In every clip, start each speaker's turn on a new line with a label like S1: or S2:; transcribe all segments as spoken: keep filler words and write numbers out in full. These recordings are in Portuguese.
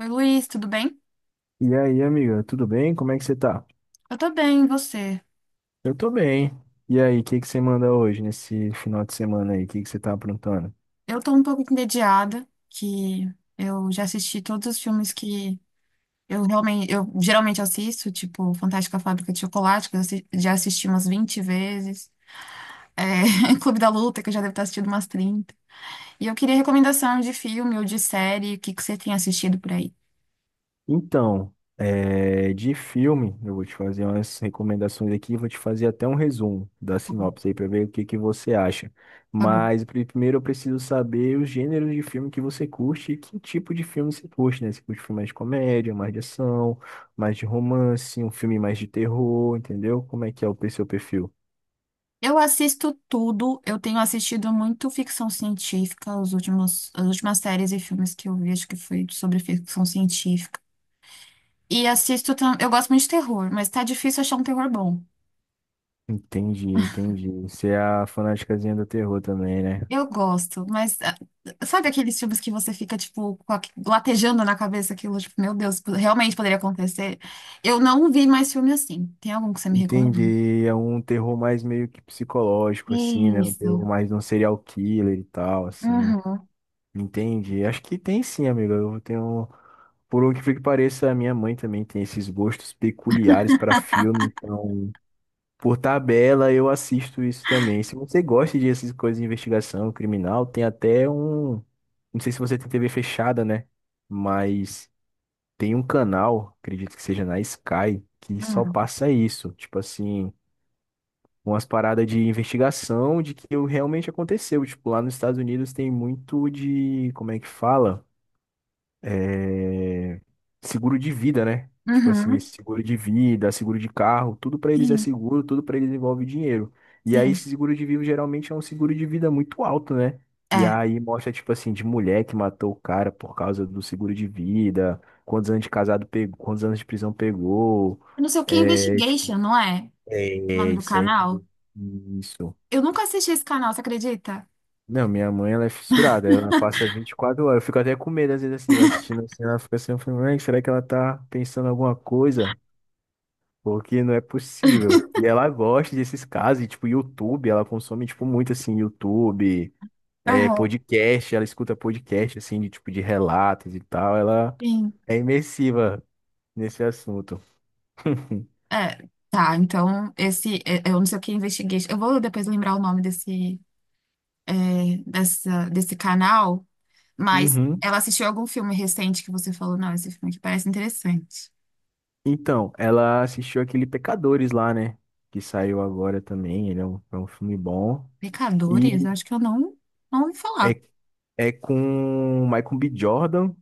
S1: Oi, Luiz, tudo bem?
S2: E aí, amiga, tudo bem? Como é que você tá?
S1: Eu tô bem, e você?
S2: Eu tô bem. E aí, o que que você manda hoje, nesse final de semana aí? O que que você tá aprontando?
S1: Eu tô um pouco entediada, que eu já assisti todos os filmes que eu realmente, eu geralmente assisto, tipo Fantástica Fábrica de Chocolate, que eu assi- já assisti umas vinte vezes, é, Clube da Luta, que eu já devo ter assistido umas trinta. E eu queria recomendação de filme ou de série, o que que você tem assistido por aí?
S2: Então, é, de filme, eu vou te fazer umas recomendações aqui, vou te fazer até um resumo da
S1: Tá bom,
S2: sinopse aí pra ver o que que você acha.
S1: tá bom.
S2: Mas pri- primeiro eu preciso saber os gêneros de filme que você curte e que tipo de filme você curte, né? Você curte filme mais de comédia, mais de ação, mais de romance, um filme mais de terror, entendeu? Como é que é o seu perfil?
S1: Eu assisto tudo, eu tenho assistido muito ficção científica, os últimos, as últimas séries e filmes que eu vi, acho que foi sobre ficção científica. E assisto. tam- Eu gosto muito de terror, mas tá difícil achar um terror bom.
S2: Entendi, entendi. Você é a fanaticazinha do terror também, né?
S1: Eu gosto, mas ah, sabe aqueles filmes que você fica, tipo, com aque- latejando na cabeça aquilo, tipo, meu Deus, realmente poderia acontecer? Eu não vi mais filme assim. Tem algum que você me recomenda?
S2: Entendi. É um terror mais meio que psicológico, assim, né? Um
S1: Isso.
S2: terror mais de um serial killer e tal, assim.
S1: Uhum.
S2: Entendi. Acho que tem sim, amigo. Eu tenho. Por o que pareça, a minha mãe também tem esses gostos peculiares para filme. Então, por tabela, eu assisto isso também. Se você gosta de essas coisas de investigação criminal, tem até um. Não sei se você tem T V fechada, né? Mas. Tem um canal, acredito que seja na Sky, que só
S1: Uhum.
S2: passa isso. Tipo assim, umas paradas de investigação de que o- realmente aconteceu. Tipo, lá nos Estados Unidos tem muito de, como é que fala? é, Seguro de vida, né? Tipo assim,
S1: Uhum.
S2: seguro de vida, seguro de carro, tudo pra eles é
S1: Sim,
S2: seguro, tudo pra eles envolve dinheiro. E aí
S1: sim.
S2: esse seguro de vida geralmente é um seguro de vida muito alto, né? E
S1: É.
S2: aí mostra tipo assim de mulher que matou o cara por causa do seguro de vida, quantos anos de casado pegou, quantos anos de prisão pegou.
S1: Eu não sei o que, é
S2: É, tipo,
S1: Investigation, não é? O
S2: é
S1: nome do
S2: isso aí.
S1: canal?
S2: Isso.
S1: Eu nunca assisti esse canal, você acredita?
S2: Não, minha mãe, ela é fissurada, ela passa vinte e quatro horas. Eu fico até com medo, às vezes, assim, assistindo assim, ela fica assim, eu falo, mãe, será que ela tá pensando alguma coisa? Porque não é possível. E ela gosta desses casos, e, tipo, YouTube, ela consome, tipo, muito, assim, YouTube, é,
S1: Aham.
S2: podcast, ela escuta podcast, assim, de, tipo, de relatos e tal, ela
S1: Sim.
S2: é imersiva nesse assunto.
S1: É, tá, então esse, é, é, eu não sei o que investiguei. Eu vou depois lembrar o nome desse, é, dessa, desse canal, mas
S2: Uhum.
S1: ela assistiu algum filme recente que você falou, não, esse filme aqui parece interessante.
S2: Então, ela assistiu aquele Pecadores lá, né? Que saiu agora também. Ele é um, é um filme bom.
S1: Pecadores?
S2: E
S1: Eu acho que eu não, não ouvi falar.
S2: É, é com o Michael B. Jordan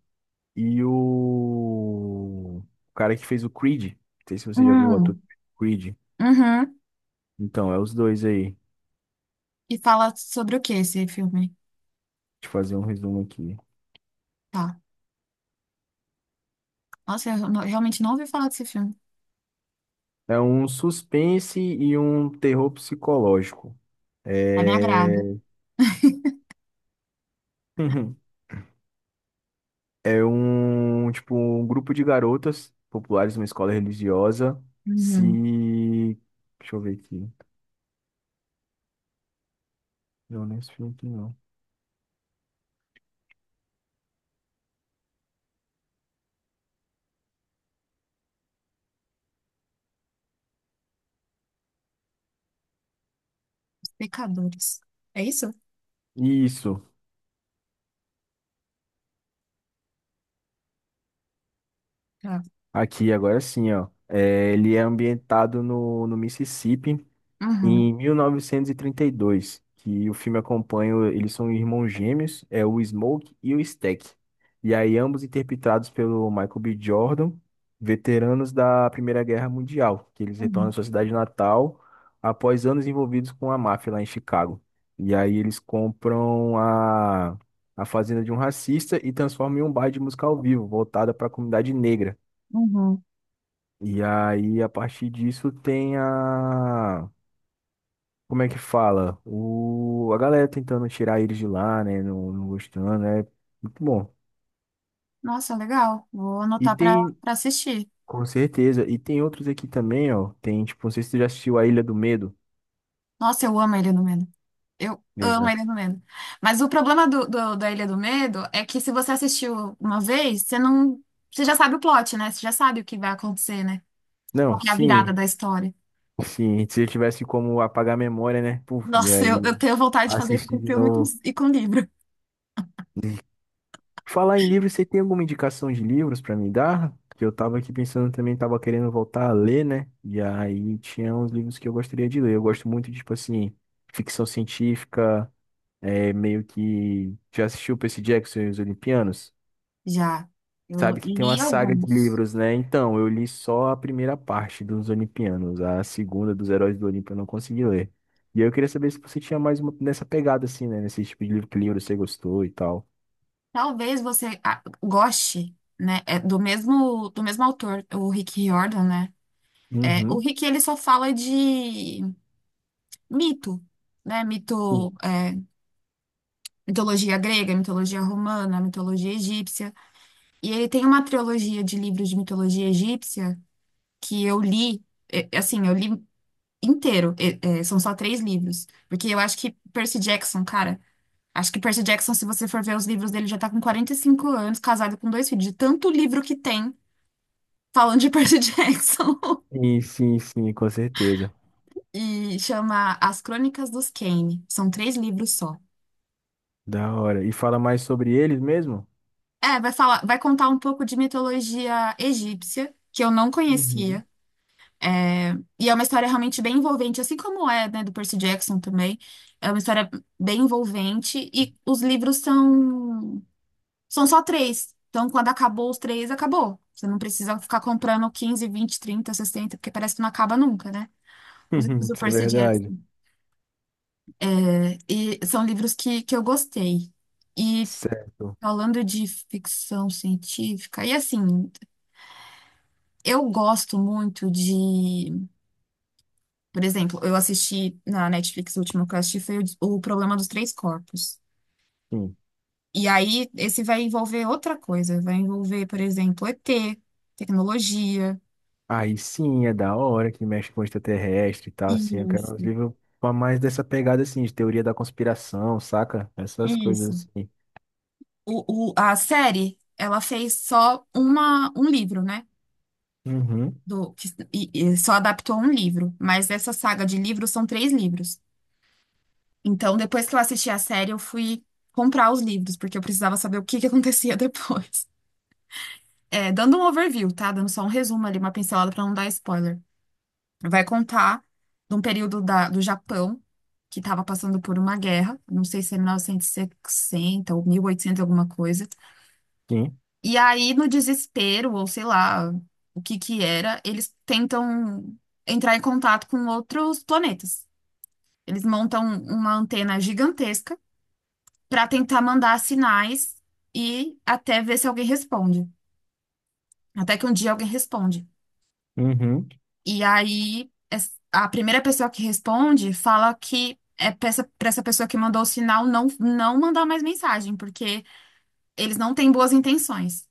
S2: e o... o cara que fez o Creed. Não sei se você já viu o ator
S1: Hum,
S2: Creed.
S1: uhum.
S2: Então, é os dois aí. Deixa
S1: E fala sobre o que esse filme?
S2: eu fazer um resumo aqui.
S1: Tá. Nossa, eu não- realmente não ouvi falar desse filme.
S2: É um suspense e um terror psicológico.
S1: É me agrado.
S2: É... É um, tipo, um grupo de garotas populares numa escola religiosa se...
S1: Uhum.
S2: Deixa eu ver aqui. Não, não é esse filme aqui, não.
S1: Os Pecadores. É isso?
S2: Isso.
S1: Tá.
S2: Aqui, agora sim, ó. É, ele é ambientado no, no Mississippi
S1: Uhum.
S2: em mil novecentos e trinta e dois, que o filme acompanha, o- eles são irmãos gêmeos, é o Smoke e o Stack. E aí, ambos interpretados pelo Michael B. Jordan, veteranos da Primeira Guerra Mundial, que eles retornam
S1: Uhum.
S2: à sua cidade natal após anos envolvidos com a máfia lá em Chicago. E aí, eles compram a, a fazenda de um racista e transformam em um bar de música ao vivo, voltada para a comunidade negra.
S1: Uhum.
S2: E aí, a partir disso, tem a. Como é que fala? O... A galera tentando tirar eles de lá, né? Não, não gostando, é muito bom.
S1: Nossa, legal. Vou
S2: E
S1: anotar pra
S2: tem,
S1: para assistir.
S2: com certeza, e tem outros aqui também, ó. Tem, tipo, não sei se tu já assistiu A Ilha do Medo.
S1: Nossa, eu amo a Ilha do Medo. Eu amo a
S2: Exato.
S1: Ilha do Medo. Mas o problema do, do- da Ilha do Medo é que se você assistiu uma vez, você não, você já sabe o plot, né? Você já sabe o que vai acontecer, né? Qual
S2: Não,
S1: que é a virada
S2: sim,
S1: da história.
S2: sim. Se eu tivesse como apagar a memória, né? Puf, e
S1: Nossa, eu, eu
S2: aí,
S1: tenho vontade de fazer isso
S2: assistir
S1: com
S2: de
S1: filme e com,
S2: novo.
S1: e com livro.
S2: Falar em livros, você tem alguma indicação de livros pra me dar? Que eu tava aqui pensando também, tava querendo voltar a ler, né? E aí tinha uns livros que eu gostaria de ler. Eu gosto muito, de, tipo assim, ficção científica, é meio que. Já assistiu Percy Jackson e os Olimpianos?
S1: Já. Eu
S2: Sabe que tem uma
S1: li
S2: saga de
S1: alguns.
S2: livros, né? Então, eu li só a primeira parte dos Olimpianos, a segunda dos Heróis do Olimpo eu não consegui ler. E aí eu queria saber se você tinha mais uma nessa pegada, assim, né? Nesse tipo de livro, que livro você gostou e tal.
S1: Talvez você ah, goste, né? É do mesmo, do mesmo autor, o Rick Riordan, né? É, o
S2: Uhum.
S1: Rick, ele só fala de mito, né? Mito, é, mitologia grega, mitologia romana, mitologia egípcia. E ele tem uma trilogia de livros de mitologia egípcia que eu li, é, assim, eu li inteiro. É, é, são só três livros. Porque eu acho que Percy Jackson, cara, acho que Percy Jackson, se você for ver os livros dele, já tá com quarenta e cinco anos, casado com dois filhos, de tanto livro que tem falando de Percy Jackson.
S2: Sim, sim, sim, com certeza.
S1: E chama As Crônicas dos Kane. São três livros só.
S2: Da hora. E fala mais sobre eles mesmo?
S1: É, vai falar, vai contar um pouco de mitologia egípcia, que eu não
S2: Uhum.
S1: conhecia. É, E é uma história realmente bem envolvente, assim como é, né, do Percy Jackson também. É uma história bem envolvente e os livros são são só três. Então, quando acabou os três, acabou. Você não precisa ficar comprando quinze, vinte, trinta, sessenta porque parece que não acaba nunca, né? Os livros do
S2: Isso é
S1: Percy Jackson.
S2: verdade.
S1: É, E são livros que, que eu gostei. E
S2: Certo.
S1: falando de ficção científica, e assim, Eu gosto muito de, por exemplo, eu assisti na Netflix, o último que eu assisti foi o, o Problema dos Três Corpos.
S2: Sim.
S1: E aí, esse vai envolver outra coisa, vai envolver, por exemplo, ete, tecnologia.
S2: Aí sim, é da hora que mexe com extraterrestre e tal, assim. Eu quero uns
S1: Isso,
S2: livros pra mais dessa pegada, assim, de teoria da conspiração, saca? Essas
S1: isso.
S2: coisas assim.
S1: O, o- a série, ela fez só uma, um livro, né?
S2: Uhum.
S1: Do, que- e, e só adaptou um livro, mas essa saga de livros são três livros. Então, depois que eu assisti a série, eu fui comprar os livros, porque eu precisava saber o que que acontecia depois. É, dando um overview, tá? Dando só um resumo ali, uma pincelada pra não dar spoiler. Vai contar de um período da, do Japão que estava passando por uma guerra, não sei se é mil novecentos e sessenta ou mil e oitocentos alguma coisa.
S2: Sim.
S1: E aí, no desespero, ou sei lá o que que era, eles tentam entrar em contato com outros planetas. Eles montam uma antena gigantesca para tentar mandar sinais e até ver se alguém responde. Até que um dia alguém responde.
S2: Uhum.
S1: E aí, es- a primeira pessoa que responde fala que é pra essa, pra essa pessoa que mandou o sinal não, não mandar mais mensagem, porque eles não têm boas intenções.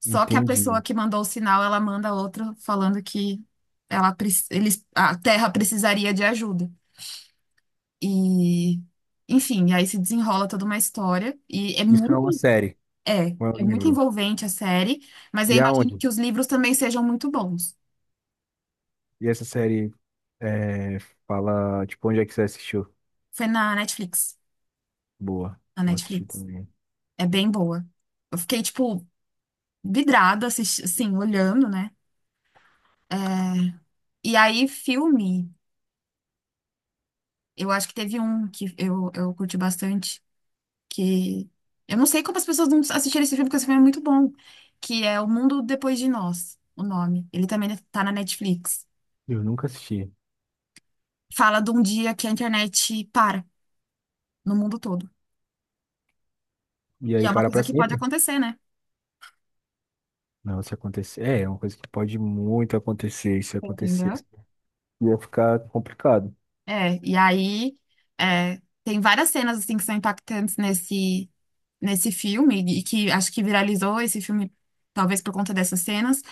S1: Só que a pessoa
S2: Entendi.
S1: que mandou o sinal, ela manda outro falando que ela, preci- eles, a Terra precisaria de ajuda. E, enfim, aí se desenrola toda uma história. E é
S2: Isso é uma
S1: muito,
S2: série,
S1: é,
S2: não é
S1: é
S2: um
S1: muito
S2: livro.
S1: envolvente a série, mas eu
S2: E
S1: imagino
S2: aonde?
S1: que os livros também sejam muito bons.
S2: E essa série é, fala, tipo, onde é que você assistiu?
S1: Foi na Netflix.
S2: Boa.
S1: Na
S2: Vou assistir
S1: Netflix.
S2: também.
S1: É bem boa. Eu fiquei, tipo, vidrada, assisti, assim, olhando, né? É, E aí, filme, eu acho que teve um que eu, eu curti bastante, que eu não sei como as pessoas não assistiram esse filme, porque esse filme é muito bom, que é O Mundo Depois de Nós, o nome. Ele também tá na Netflix.
S2: Eu nunca assisti.
S1: Fala de um dia que a internet para no mundo todo.
S2: E
S1: E
S2: aí
S1: é uma
S2: para
S1: coisa
S2: pra
S1: que pode
S2: sempre?
S1: acontecer, né?
S2: Não, se acontecer. É, é uma coisa que pode muito acontecer. Se acontecesse,
S1: Entendeu?
S2: ia ficar complicado.
S1: É, e aí é, tem várias cenas assim que são impactantes nesse nesse filme e que acho que viralizou esse filme talvez por conta dessas cenas,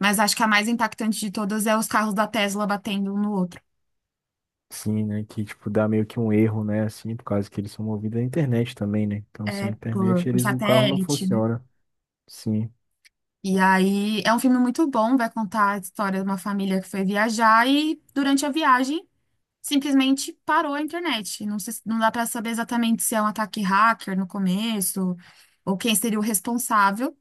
S1: mas acho que a mais impactante de todas é os carros da Tesla batendo um no outro,
S2: Sim, né? Que, tipo, dá meio que um erro, né? Assim, por causa que eles são movidos à internet também, né? Então, sem
S1: é por,
S2: internet,
S1: por
S2: eles, o carro não
S1: satélite, né?
S2: funciona. Sim.
S1: E aí é um filme muito bom, vai contar a história de uma família que foi viajar e durante a viagem simplesmente parou a internet. Não se- não dá para saber exatamente se é um ataque hacker no começo ou quem seria o responsável.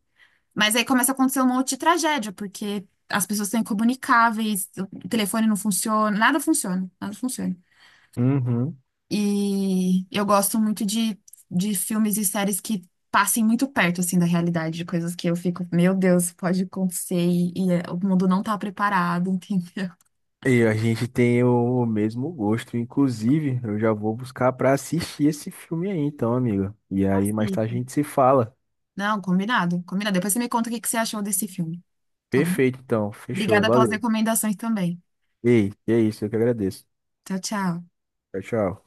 S1: Mas aí começa a acontecer um monte de tragédia, porque as pessoas são incomunicáveis, o telefone não funciona, nada funciona, nada funciona.
S2: Uhum.
S1: E eu gosto muito de, de filmes e séries que passem muito perto, assim, da realidade, de coisas que eu fico, meu Deus, pode acontecer e, e, é, o mundo não tá preparado, entendeu?
S2: E a gente tem o o mesmo gosto. Inclusive, eu já vou buscar pra assistir esse filme aí, então, amigo. E aí, mais
S1: Assim,
S2: tarde a gente se fala.
S1: não, combinado, combinado. Depois você me conta o que que você achou desse filme, tá bom?
S2: Perfeito, então. Fechou.
S1: Obrigada pelas
S2: Valeu.
S1: recomendações também.
S2: Ei, é isso. Eu que agradeço.
S1: Tchau, tchau.
S2: Tchau, tchau.